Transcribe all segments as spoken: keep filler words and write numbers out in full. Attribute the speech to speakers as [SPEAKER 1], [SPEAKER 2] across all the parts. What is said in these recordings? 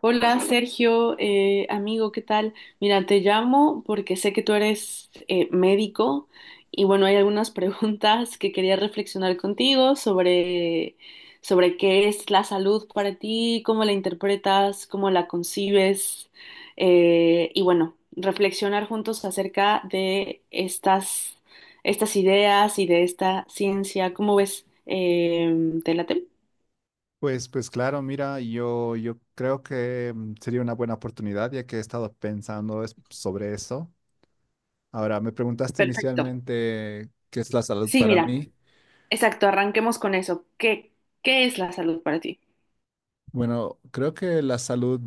[SPEAKER 1] Hola Sergio, eh, amigo, ¿qué tal? Mira, te llamo porque sé que tú eres eh, médico y bueno, hay algunas preguntas que quería reflexionar contigo sobre, sobre qué es la salud para ti, cómo la interpretas, cómo la concibes eh, y bueno, reflexionar juntos acerca de estas, estas ideas y de esta ciencia. ¿Cómo ves? Em, ¿te late?
[SPEAKER 2] Pues, pues claro, mira, yo, yo creo que mm, sería una buena oportunidad ya que he estado pensando es- sobre eso. Ahora, me preguntaste
[SPEAKER 1] Perfecto.
[SPEAKER 2] inicialmente qué es la salud
[SPEAKER 1] Sí,
[SPEAKER 2] para
[SPEAKER 1] mira.
[SPEAKER 2] mí.
[SPEAKER 1] Exacto, arranquemos con eso. ¿Qué, qué es la salud para ti?
[SPEAKER 2] Bueno, creo que la salud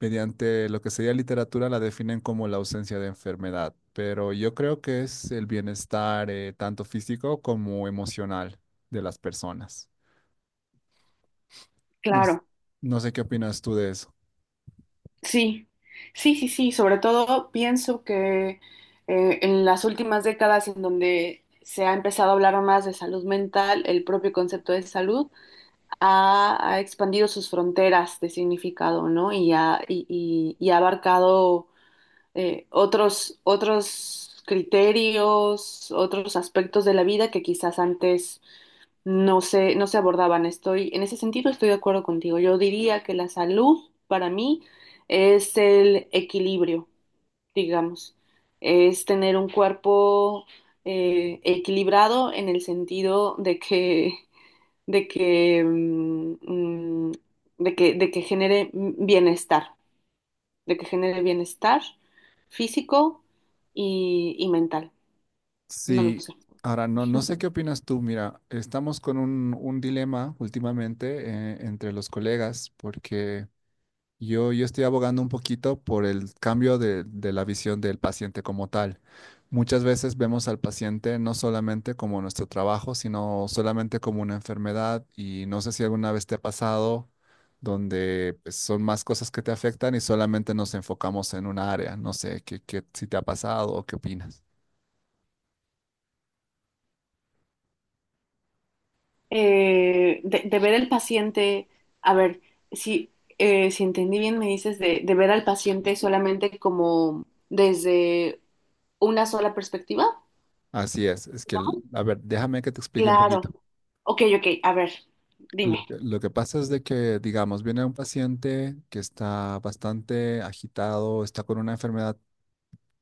[SPEAKER 2] mediante lo que sería literatura la definen como la ausencia de enfermedad, pero yo creo que es el bienestar eh, tanto físico como emocional de las personas. No, s-
[SPEAKER 1] Claro,
[SPEAKER 2] no sé qué opinas tú de eso.
[SPEAKER 1] sí, sí, sí, sí. Sobre todo pienso que eh, en las últimas décadas en donde se ha empezado a hablar más de salud mental, el propio concepto de salud ha, ha expandido sus fronteras de significado, ¿no? Y ha, y, y- y ha abarcado eh, otros, otros criterios, otros aspectos de la vida que quizás antes no se, no se abordaban. Estoy, en ese sentido estoy de acuerdo contigo. Yo diría que la salud para mí es el equilibrio, digamos. Es tener un cuerpo eh, equilibrado en el sentido de que, de que, mm, mm, de que, de que genere bienestar, de que genere bienestar físico y, y mental. No lo
[SPEAKER 2] Sí,
[SPEAKER 1] sé.
[SPEAKER 2] ahora no, no sé qué opinas tú. Mira, estamos con un, un dilema últimamente eh, entre los colegas porque yo, yo estoy abogando un poquito por el cambio de, de la visión del paciente como tal. Muchas veces vemos al paciente no solamente como nuestro trabajo, sino solamente como una enfermedad y no sé si alguna vez te ha pasado donde pues, son más cosas que te afectan y solamente nos enfocamos en un área. No sé qué, qué, si te ha pasado o qué opinas.
[SPEAKER 1] eh, de, de ver al paciente, a ver, si, eh, si entendí bien, me dices de, de ver al paciente solamente como desde una sola perspectiva.
[SPEAKER 2] Así es, es que, el- a ver, déjame que te explique un
[SPEAKER 1] Claro.
[SPEAKER 2] poquito.
[SPEAKER 1] Ok, ok, a ver,
[SPEAKER 2] Lo
[SPEAKER 1] dime.
[SPEAKER 2] que, lo que pasa es de que, digamos, viene un paciente que está bastante agitado, está con una enfermedad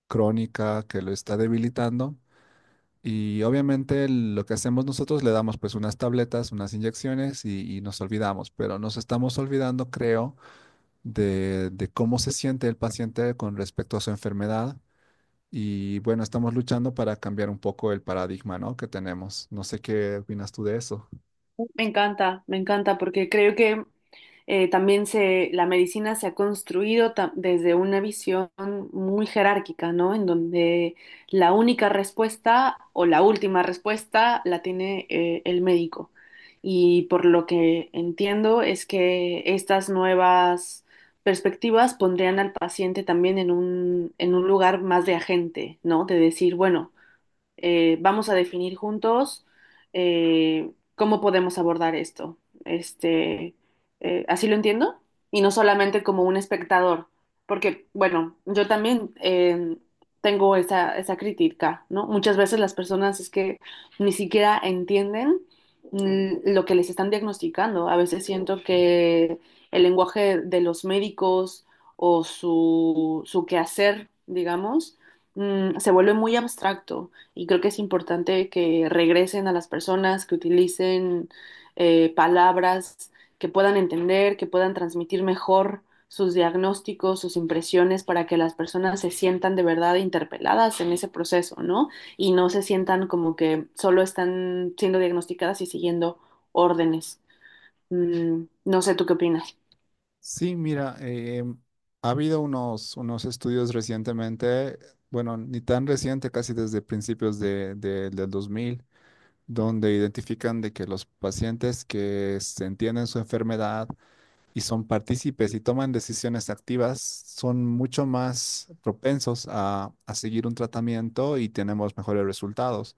[SPEAKER 2] crónica que lo está debilitando y obviamente lo que hacemos nosotros le damos pues unas tabletas, unas inyecciones y, y nos olvidamos, pero nos estamos olvidando, creo, de, de cómo se siente el paciente con respecto a su enfermedad. Y bueno, estamos luchando para cambiar un poco el paradigma, ¿no? que tenemos. No sé qué opinas tú de eso.
[SPEAKER 1] Me encanta, me encanta, porque creo que eh, también se, la medicina se ha construido ta- desde una visión muy jerárquica, ¿no? En donde la única respuesta o la última respuesta la tiene eh, el médico. Y por lo que entiendo es que estas nuevas perspectivas pondrían al paciente también en un, en un lugar más de agente, ¿no? De decir, bueno, eh, vamos a definir juntos eh, cómo podemos abordar esto. Este, eh, Así lo entiendo, y no solamente como un espectador, porque, bueno, yo también eh, tengo esa, esa crítica, ¿no? Muchas veces las personas es que ni siquiera entienden mm, lo que les están diagnosticando. A veces siento que el lenguaje de los médicos o su, su quehacer, digamos, mm, se vuelve muy abstracto y creo que es importante que regresen a las personas, que utilicen eh, palabras que puedan entender, que puedan transmitir mejor sus diagnósticos, sus impresiones, para que las personas se sientan de verdad interpeladas en ese proceso, ¿no? Y no se sientan como que solo están siendo diagnosticadas y siguiendo órdenes. Mm, no sé, ¿tú qué opinas?
[SPEAKER 2] Sí, mira, eh, ha habido unos, unos estudios recientemente, bueno, ni tan reciente, casi desde principios de, de- del dos mil, donde identifican de que los pacientes que se entienden su enfermedad y son partícipes y toman decisiones activas son mucho más propensos a, a seguir un tratamiento y tenemos mejores resultados.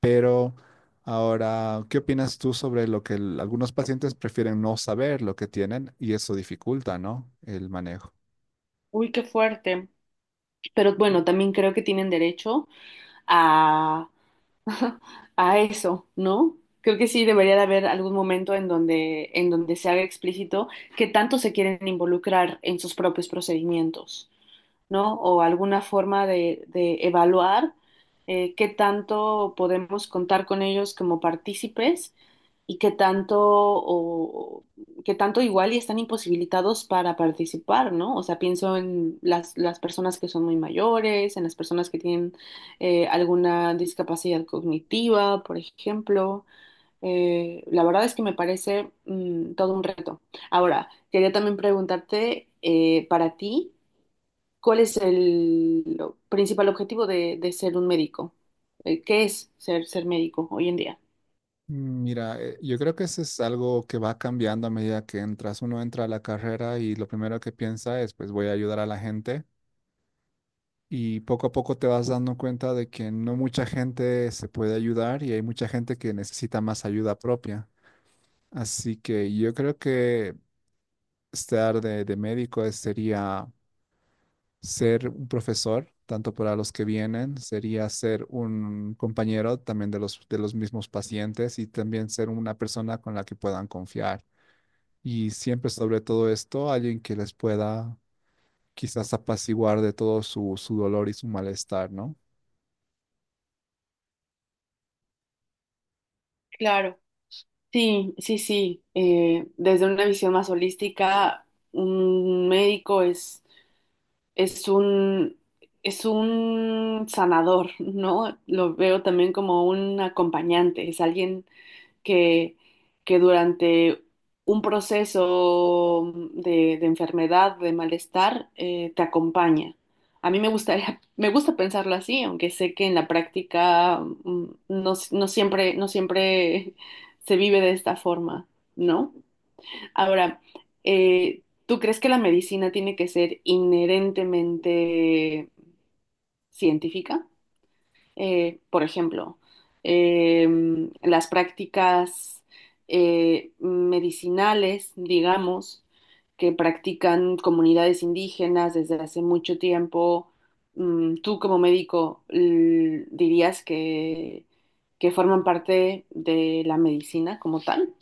[SPEAKER 2] Pero ahora, ¿qué opinas tú sobre lo que el- algunos pacientes prefieren no saber lo que tienen y eso dificulta, ¿no? El manejo.
[SPEAKER 1] Uy, qué fuerte. Pero bueno, también creo que tienen derecho a a eso, ¿no? Creo que sí debería de haber algún momento en donde, en donde se haga explícito que tanto se quieren involucrar en sus propios procedimientos. ¿No? O alguna forma de, de evaluar eh, qué tanto podemos contar con ellos como partícipes y qué tanto o qué tanto igual y están imposibilitados para participar, ¿no? O sea, pienso en las, las personas que son muy mayores, en las personas que tienen eh, alguna discapacidad cognitiva, por ejemplo. Eh, la verdad es que me parece mm, todo un reto. Ahora, quería también preguntarte eh, para ti. ¿Cuál es el lo- principal objetivo de, de ser un médico? Eh, ¿Qué es ser, ser médico hoy en día?
[SPEAKER 2] Mira, eh, yo creo que eso es algo que va cambiando a medida que entras. Uno entra a la carrera y lo primero que piensa es, pues voy a ayudar a la gente. Y poco a poco te vas dando cuenta de que no mucha gente se puede ayudar y hay mucha gente que necesita más ayuda propia. Así que yo creo que estar de, de médico es- sería ser un profesor, tanto para los que vienen, sería ser un compañero también de los, de los mismos pacientes y también ser una persona con la que puedan confiar. Y siempre sobre todo esto, alguien que les pueda quizás apaciguar de todo su, su dolor y su malestar, ¿no?
[SPEAKER 1] Claro, sí, sí, sí. Eh, desde una visión más holística, un médico es, es un, es un sanador, ¿no? Lo veo también como un acompañante, es alguien que, que durante un proceso de, de enfermedad, de malestar, eh, te acompaña. A mí me gustaría, me gusta pensarlo así, aunque sé que en la práctica mm, no, no siempre, no siempre se vive de esta forma, ¿no? Ahora, eh, ¿tú crees que la medicina tiene que ser inherentemente científica? Eh, por ejemplo, em, las prácticas eh, medicinales, digamos, que practican comunidades indígenas desde hace mucho tiempo. Mm, Tú como médico l- dirías que, que forman parte de la medicina como tal.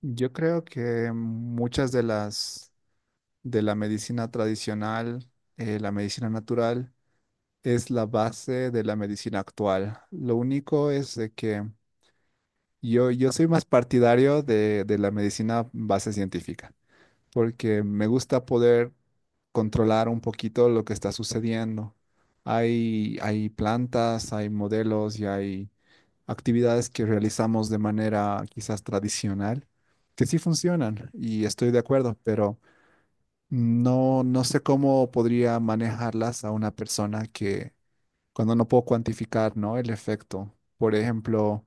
[SPEAKER 2] Yo creo que muchas de las de la medicina tradicional, eh, la medicina natural, es la base de la medicina actual. Lo único es de que Yo, yo soy más partidario de, de la medicina base científica, porque me gusta poder controlar un poquito lo que está sucediendo. Hay, hay plantas, hay modelos y hay actividades que realizamos de manera quizás tradicional que sí funcionan y estoy de acuerdo, pero no, no sé cómo podría manejarlas a una persona que cuando no puedo cuantificar, ¿no? el efecto. Por ejemplo,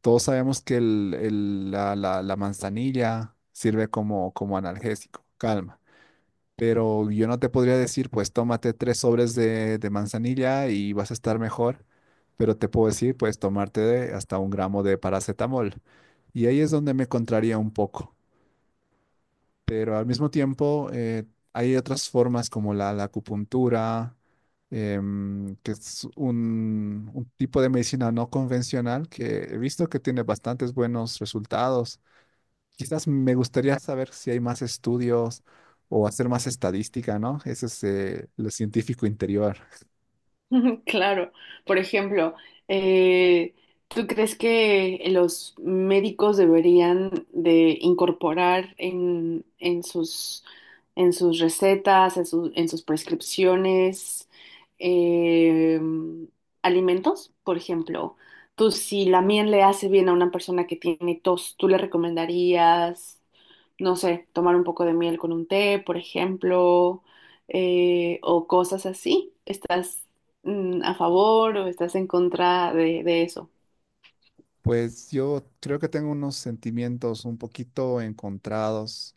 [SPEAKER 2] todos sabemos que el- el- la, la- la manzanilla sirve como, como analgésico, calma. Pero yo no te podría decir, pues tómate tres sobres de, de manzanilla y vas a estar mejor. Pero te puedo decir, pues tomarte de- hasta un gramo de paracetamol. Y ahí es donde me contraría un poco pero al mismo tiempo eh, hay otras formas como la, la acupuntura, em, que es un, un tipo de medicina no convencional que he visto que tiene bastantes buenos resultados. Quizás me gustaría saber si hay más estudios o hacer más estadística, ¿no? Ese es eh, lo científico interior.
[SPEAKER 1] Claro, por ejemplo, eh, ¿tú crees que los médicos deberían de incorporar en, en sus, en sus recetas, en, sus- en sus prescripciones, eh, alimentos? Por ejemplo, tú si la miel le hace bien a una persona que tiene tos, ¿tú le recomendarías? No sé, tomar un poco de miel con un té, por ejemplo, eh, o cosas así. ¿Estás mm, a favor o estás en contra de, de eso?
[SPEAKER 2] Pues yo creo que tengo unos sentimientos un poquito encontrados.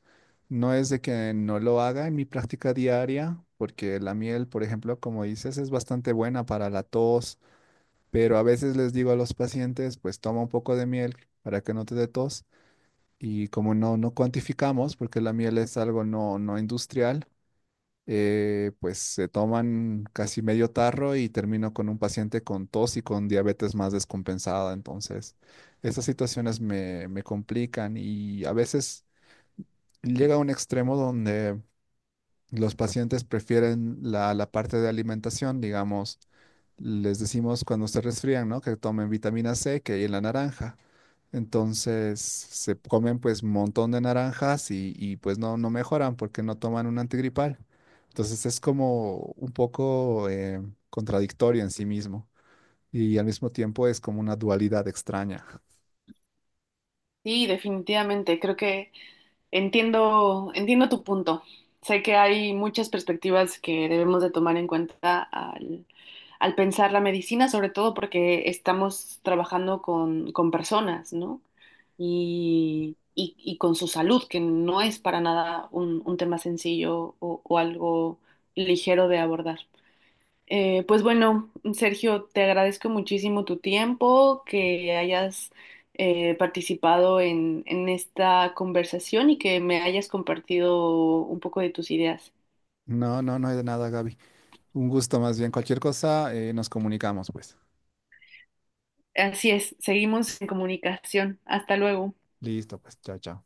[SPEAKER 2] No es de que no lo haga en mi práctica diaria, porque la miel, por ejemplo, como dices, es bastante buena para la tos, pero a veces les digo a los pacientes, pues toma un poco de miel para que no te dé tos. Y como no, no cuantificamos, porque la miel es algo no, no industrial, eh, pues se toman casi medio tarro y termino con un paciente con tos y con diabetes más descompensada. Entonces, estas situaciones me, me complican y a veces llega a un extremo donde los pacientes prefieren la, la parte de alimentación, digamos, les decimos cuando se resfrían, ¿no? Que tomen vitamina C, que hay en la naranja entonces se comen pues un montón de naranjas y, y, pues no, no mejoran porque no toman un antigripal. Entonces es como un poco eh, contradictorio en sí mismo y al mismo tiempo es como una dualidad extraña.
[SPEAKER 1] Sí, definitivamente, creo que entiendo, entiendo tu punto. Sé que hay muchas perspectivas que debemos de tomar en cuenta al, al pensar la medicina, sobre todo porque estamos trabajando con, con personas, ¿no? y, y- y con su salud, que no es para nada un, un tema sencillo o, o algo ligero de abordar. Eh, pues bueno, Sergio, te agradezco muchísimo tu tiempo, que hayas eh, participado en, en esta conversación y que me hayas compartido un poco de tus ideas.
[SPEAKER 2] No, no, no hay de nada, Gaby. Un gusto más bien. Cualquier cosa, eh, nos comunicamos pues.
[SPEAKER 1] Así es, seguimos en comunicación. Hasta luego.
[SPEAKER 2] Listo, pues, chao, chao.